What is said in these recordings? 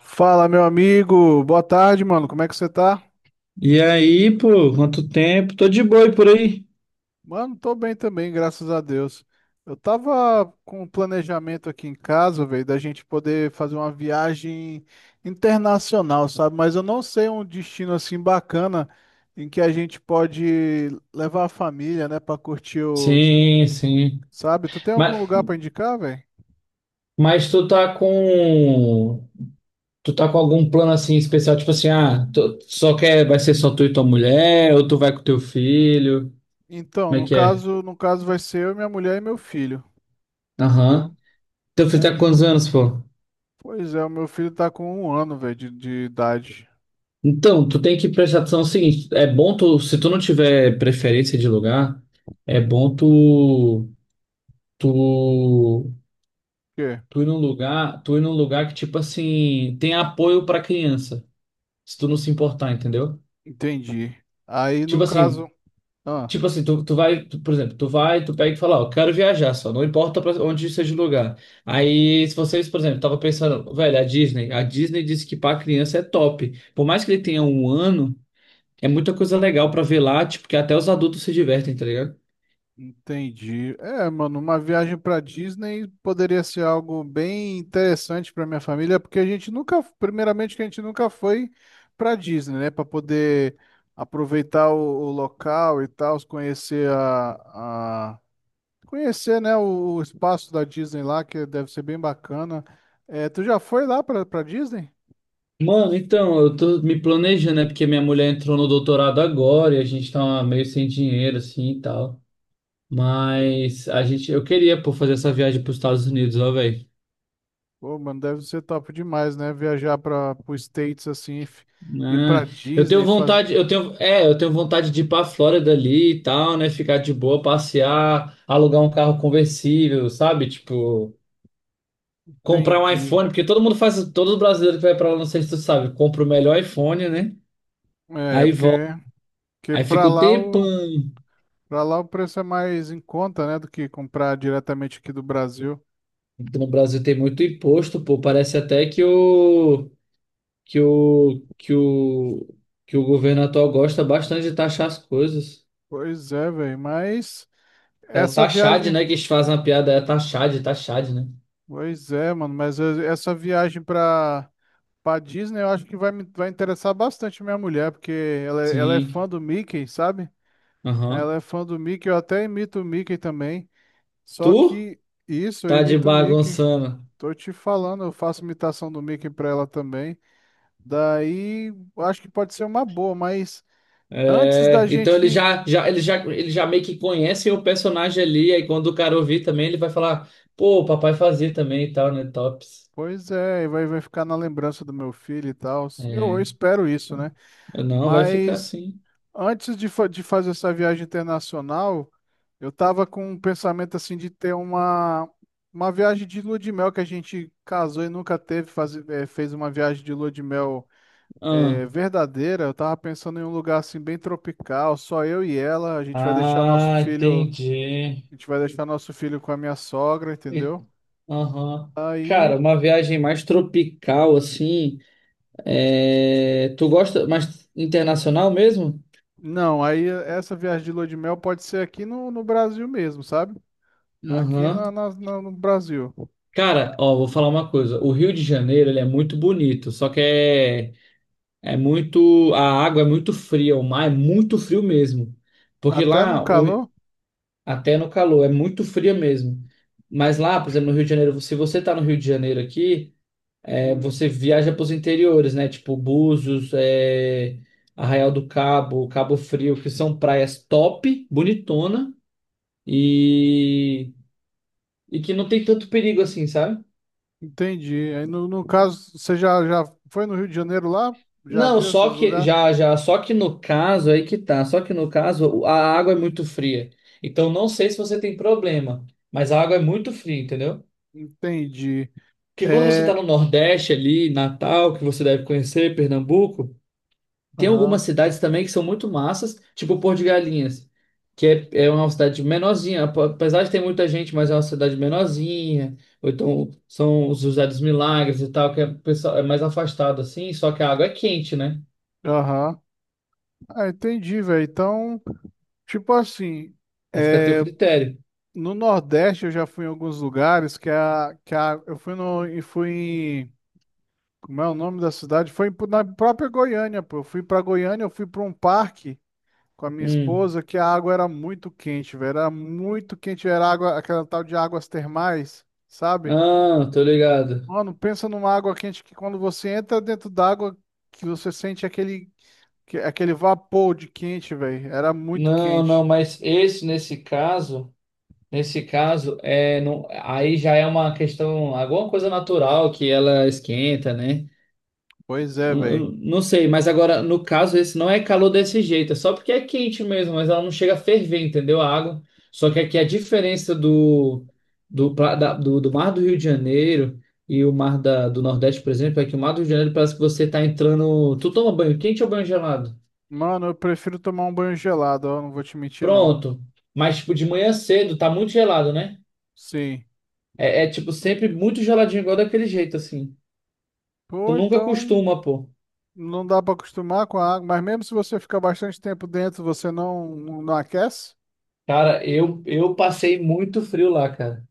Fala, meu amigo. Boa tarde, mano. Como é que você tá? E aí, pô, quanto tempo? Tô de boi por aí. Mano, tô bem também, graças a Deus. Eu tava com um planejamento aqui em casa, velho, da gente poder fazer uma viagem internacional, sabe? Mas eu não sei um destino assim bacana em que a gente pode levar a família, né, pra curtir o, Sim, sim. sabe? Tu tem algum Mas, lugar pra indicar, velho? mas tu tá com. Tu tá com algum plano assim especial? Tipo assim, ah, tu só quer. Vai ser só tu e tua mulher? Ou tu vai com teu filho? Então, Como é no que é? caso, no caso vai ser eu, minha mulher e meu filho, entendeu? Aham. Teu filho tá É, com quantos anos, pô? pois é, o meu filho tá com 1 ano, velho, de idade. Então, tu tem que prestar atenção no seguinte: é bom tu. Se tu não tiver preferência de lugar, é bom tu. Tu. Quê? Tu ir num lugar. Tu ir num lugar que, tipo assim, tem apoio pra criança. Se tu não se importar, entendeu? Entendi. Aí no Tipo assim, caso, ah, tipo assim, tu vai, por exemplo, tu vai, tu pega e fala, ó, eu quero viajar só, não importa pra onde seja o lugar. Aí, se vocês, por exemplo, tava pensando, velho, a Disney disse que pra criança é top. Por mais que ele tenha um ano, é muita coisa legal pra ver lá, tipo, que até os adultos se divertem, tá ligado? entendi. É, mano, uma viagem pra Disney poderia ser algo bem interessante pra minha família, porque a gente nunca, primeiramente que a gente nunca foi pra Disney, né, pra poder aproveitar o local e tal, conhecer a conhecer, né, o espaço da Disney lá, que deve ser bem bacana. É, tu já foi lá pra para Disney? Mano, então, eu tô me planejando, né? Porque minha mulher entrou no doutorado agora e a gente tá meio sem dinheiro, assim, e tal. Mas a gente, eu queria, pô, fazer essa viagem pros Estados Unidos, ó, velho. Pô, mano, deve ser top demais, né? Viajar para os States assim, ir para Ah, eu tenho Disney, fazer. vontade, eu tenho, é, eu tenho vontade de ir pra Flórida ali e tal, né? Ficar de boa, passear, alugar um carro conversível, sabe? Tipo, comprar um Entendi. iPhone, porque todo mundo faz, todo brasileiro que vai pra lá, não sei se tu sabe, compra o melhor iPhone, né? É, Aí volta, porque, porque aí fica um tempão. Para lá o preço é mais em conta, né, do que comprar diretamente aqui do Brasil. Então, no Brasil tem muito imposto, pô, parece até que que o que o o governo atual gosta bastante de taxar as coisas. Pois é, velho, mas É o essa taxade, viagem, né, que eles fazem a piada, é taxade, taxade, né? pois é, mano, mas essa viagem para Disney, eu acho que vai me vai interessar bastante minha mulher, porque ela, ela é Sim. fã do Mickey, sabe? Aham. Ela é fã do Mickey, eu até imito o Mickey também. Só Tu que isso, eu tá de imito o Mickey. bagunçando. Tô te falando, eu faço imitação do Mickey pra ela também. Daí, acho que pode ser uma boa, mas antes da É, então ele gente. já, já, ele já, ele já meio que conhece o personagem ali, aí quando o cara ouvir também, ele vai falar, pô, o papai fazia também e tal, né? Tops. Pois é, vai, vai ficar na lembrança do meu filho e tal. Eu É. espero isso, né? Não, vai ficar Mas assim. antes de, de fazer essa viagem internacional, eu tava com um pensamento assim de ter uma viagem de lua de mel que a gente casou e nunca teve, fazer, fez uma viagem de lua de mel Ah, é verdadeira, eu tava pensando em um lugar assim bem tropical, só eu e ela, a gente vai deixar nosso ah, filho, entendi. a gente vai deixar nosso filho com a minha sogra, E- entendeu? Aham. Cara, Aí, uma viagem mais tropical, assim. É, tu gosta mais internacional mesmo? não, aí essa viagem de lua de mel pode ser aqui no, no Brasil mesmo, sabe? Aqui Aham. na, no Brasil. Cara, ó, vou falar uma coisa. O Rio de Janeiro, ele é muito bonito, só que é, é muito, a água é muito fria, o mar é muito frio mesmo. Porque Até no lá, calor? até no calor, é muito fria mesmo. Mas lá, por exemplo, no Rio de Janeiro, se você tá no Rio de Janeiro aqui, é, Hum, você viaja para os interiores, né? Tipo Búzios, é, Arraial do Cabo, Cabo Frio, que são praias top, bonitona e, e que não tem tanto perigo assim, sabe? entendi. Aí no, no caso, você já, já foi no Rio de Janeiro lá? Já Não, viu esses só que lugares? já, já, só que no caso aí que tá, só que no caso a água é muito fria. Então não sei se você tem problema, mas a água é muito fria, entendeu? Entendi. Que quando você tá É, no Nordeste ali, Natal, que você deve conhecer, Pernambuco, tem aham, algumas cidades também que são muito massas, tipo Porto de Galinhas, que é, é uma cidade menorzinha, apesar de ter muita gente, mas é uma cidade menorzinha. Ou então são os José dos Milagres e tal, que é, pessoal- é mais afastado assim, só que a água é quente, né? aham. Ah, entendi, velho. Então, tipo assim, Aí fica a teu é, critério. no Nordeste eu já fui em alguns lugares que a eu fui no e fui em, como é o nome da cidade? Foi na própria Goiânia, pô. Eu fui pra Goiânia, eu fui pra um parque com a minha Hum. esposa que a água era muito quente, velho. Era muito quente, era água, aquela tal de águas termais, sabe? Ah, tô ligado. Mano, pensa numa água quente que quando você entra dentro d'água que você sente aquele aquele vapor de quente, velho. Era muito Não, quente. mas nesse caso é não, aí já é uma questão, alguma coisa natural que ela esquenta, né? Pois é, Eu- velho. eu não sei, mas agora no caso esse não é calor desse jeito, é só porque é quente mesmo, mas ela não chega a ferver, entendeu? A água. Só que aqui a diferença do, do mar do Rio de Janeiro e o mar da, do Nordeste, por exemplo, é que o mar do Rio de Janeiro parece que você tá entrando, tu toma banho quente ou banho gelado? Mano, eu prefiro tomar um banho gelado, ó. Não vou te mentir, não. Pronto. Mas, tipo, de manhã cedo, tá muito gelado, né? Sim. É, tipo, sempre muito geladinho, igual daquele jeito, assim. Tu Pô, nunca então costuma, pô. não dá pra acostumar com a água. Mas mesmo se você ficar bastante tempo dentro, você não, não aquece? Cara, eu passei muito frio lá, cara.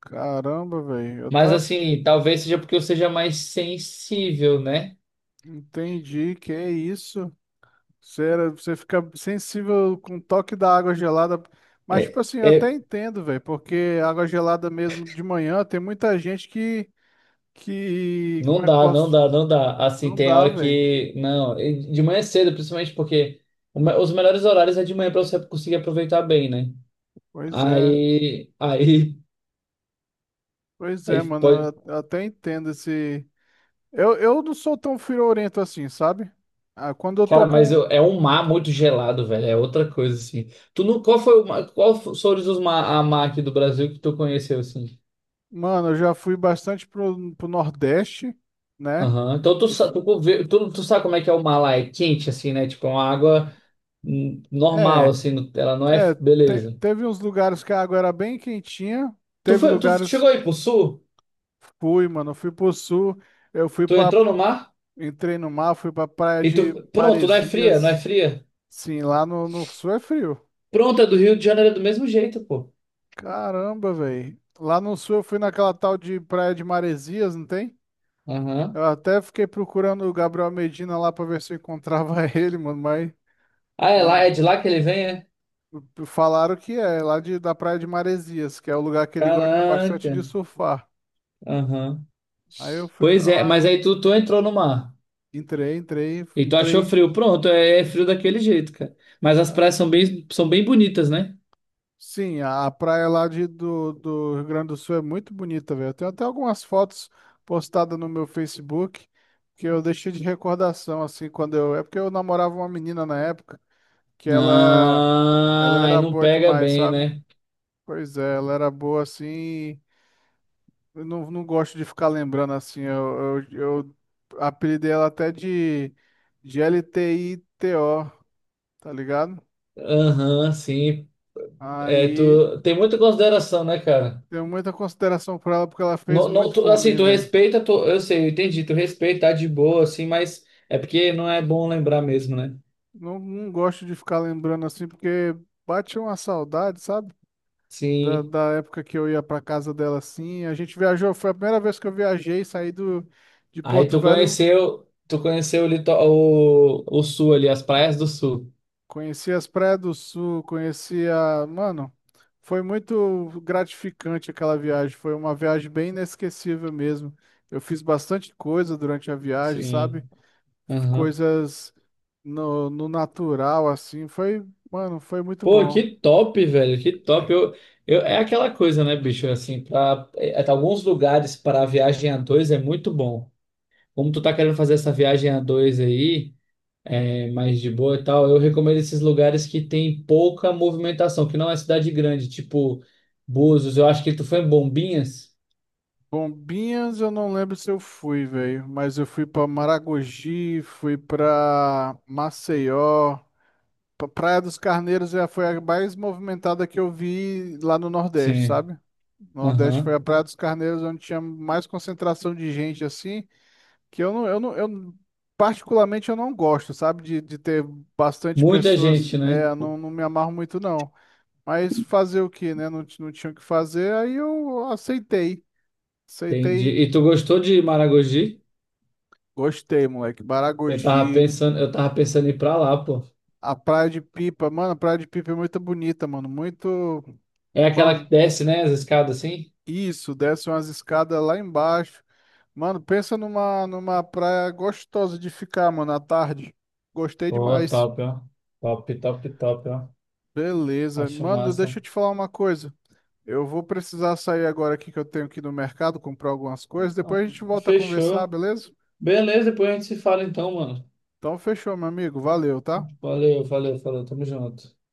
Caramba, velho. Eu Mas, tá. assim, talvez seja porque eu seja mais sensível, né? Entendi. Que é isso? Você, você fica sensível com o toque da água gelada. É, Mas, tipo assim, eu até é, entendo, velho. Porque água gelada mesmo de manhã, tem muita gente que. Que. Como não é que dá, não posso? dá, não dá. Assim, Não tem dá, hora velho. que. Não, e de manhã cedo, principalmente porque os melhores horários é de manhã pra você conseguir aproveitar bem, né? Pois é. Aí, Pois é, aí mano. pode. Eu até entendo esse. Eu não sou tão friorento assim, sabe? Ah, quando eu tô Cara, com. É um mar muito gelado, velho. É outra coisa, assim. Tu não, qual foram os mar, a mar aqui do Brasil que tu conheceu, assim? Mano, eu já fui bastante pro, pro Nordeste, né? Aham. Então tu, Eu sa- tu, fu- conve- tu, tu sabe como é que é o mar lá? É quente, assim, né? Tipo, é uma água normal, É, assim. Ela não é... é. Beleza. Teve uns lugares que a água era bem quentinha. Tu, Teve foi, tu lugares. chegou aí pro sul? Fui, mano. Fui pro Sul. Eu fui Tu pra. entrou no mar? Entrei no mar, fui pra praia E tu... de Pronto, não é Maresias. fria? Sim, lá no, no Sul é frio. Pronto, é do Rio de Janeiro, é do mesmo jeito, pô. Caramba, velho. Lá no sul eu fui naquela tal de Praia de Maresias, não tem? Aham. Eu até fiquei procurando o Gabriel Medina lá pra ver se eu encontrava ele, mano, mas Ah, é lá, é não. de lá que ele vem, é? Falaram que é lá de, da Praia de Maresias, que é o lugar que ele gosta bastante Caraca. de surfar. Aham. Aí eu fui Pois pra é, lá, mas aí conheci. tu entrou no mar. Entrei, entrei, E tu achou entrei. frio? Pronto, é, é frio daquele jeito, cara. Mas as praias são bem bonitas, né? Sim, a praia lá de, do, do Rio Grande do Sul é muito bonita, velho. Eu tenho até algumas fotos postadas no meu Facebook que eu deixei de recordação, assim, quando eu. É porque eu namorava uma menina na época que ela Ah, aí era não boa pega demais, bem, sabe? né? Pois é, ela era boa assim. Eu não, não gosto de ficar lembrando assim. Eu apelidei ela até de LTTITO, tá ligado? Aham, sim. É, Aí tu tem muita consideração, né, cara? tenho muita consideração por ela porque ela fez Não, muito por assim, mim, tu velho. respeita, eu sei, eu entendi, tu respeita, tá de boa, assim, mas é porque não é bom lembrar mesmo, né? Não, não gosto de ficar lembrando assim, porque bate uma saudade, sabe? Da, Sim. da época que eu ia pra casa dela assim. A gente viajou, foi a primeira vez que eu viajei, saí do, de Aí Porto tu Velho, conheceu, tu conheceu o, o sul ali, as praias do sul. conheci as praias do Sul, conheci a. Mano, foi muito gratificante aquela viagem. Foi uma viagem bem inesquecível mesmo. Eu fiz bastante coisa durante a viagem, sabe? Sim. Aham. Coisas no, no natural, assim. Foi, mano, foi muito Pô, bom. que top, velho, que top. Eu, é aquela coisa, né, bicho? Assim, pra, é, tá, alguns lugares para viagem a dois é muito bom. Como tu tá querendo fazer essa viagem a dois aí, é, mais de boa e tal, eu recomendo esses lugares que tem pouca movimentação, que não é cidade grande, tipo Búzios. Eu acho que tu foi em Bombinhas. Bombinhas, eu não lembro se eu fui, velho, mas eu fui pra Maragogi, fui pra Maceió, pra Praia dos Carneiros já foi a mais movimentada que eu vi lá no Nordeste, Sim. sabe? Nordeste foi a Aham. Praia dos Carneiros onde tinha mais concentração de gente assim, que eu não, particularmente eu não gosto, sabe? De ter bastante Muita pessoas, gente, é, né? eu não, não me amarro muito não. Mas fazer o quê, né? Não, não tinha o que fazer, aí eu aceitei. Entendi. Aceitei E tu gostou de Maragogi? gostei, moleque. Eu tava Baragogi, pensando, eu tava pensando em ir pra lá, pô. a Praia de Pipa. Mano, a Praia de Pipa é muito bonita, mano. Muito. É aquela Mano, que desce, né, as escadas assim? isso, desce umas escadas lá embaixo. Mano, pensa numa, numa praia gostosa de ficar, mano, à tarde. Gostei Pô, demais. top, ó. Top, top, top, ó. Beleza. Acho Mano, massa. deixa eu te falar uma coisa. Eu vou precisar sair agora aqui que eu tenho que ir no mercado comprar algumas coisas. Depois a gente volta a conversar, Fechou. beleza? Beleza, depois a gente se fala então, mano. Então fechou, meu amigo. Valeu, tá? Valeu, valeu, falou. Tamo junto.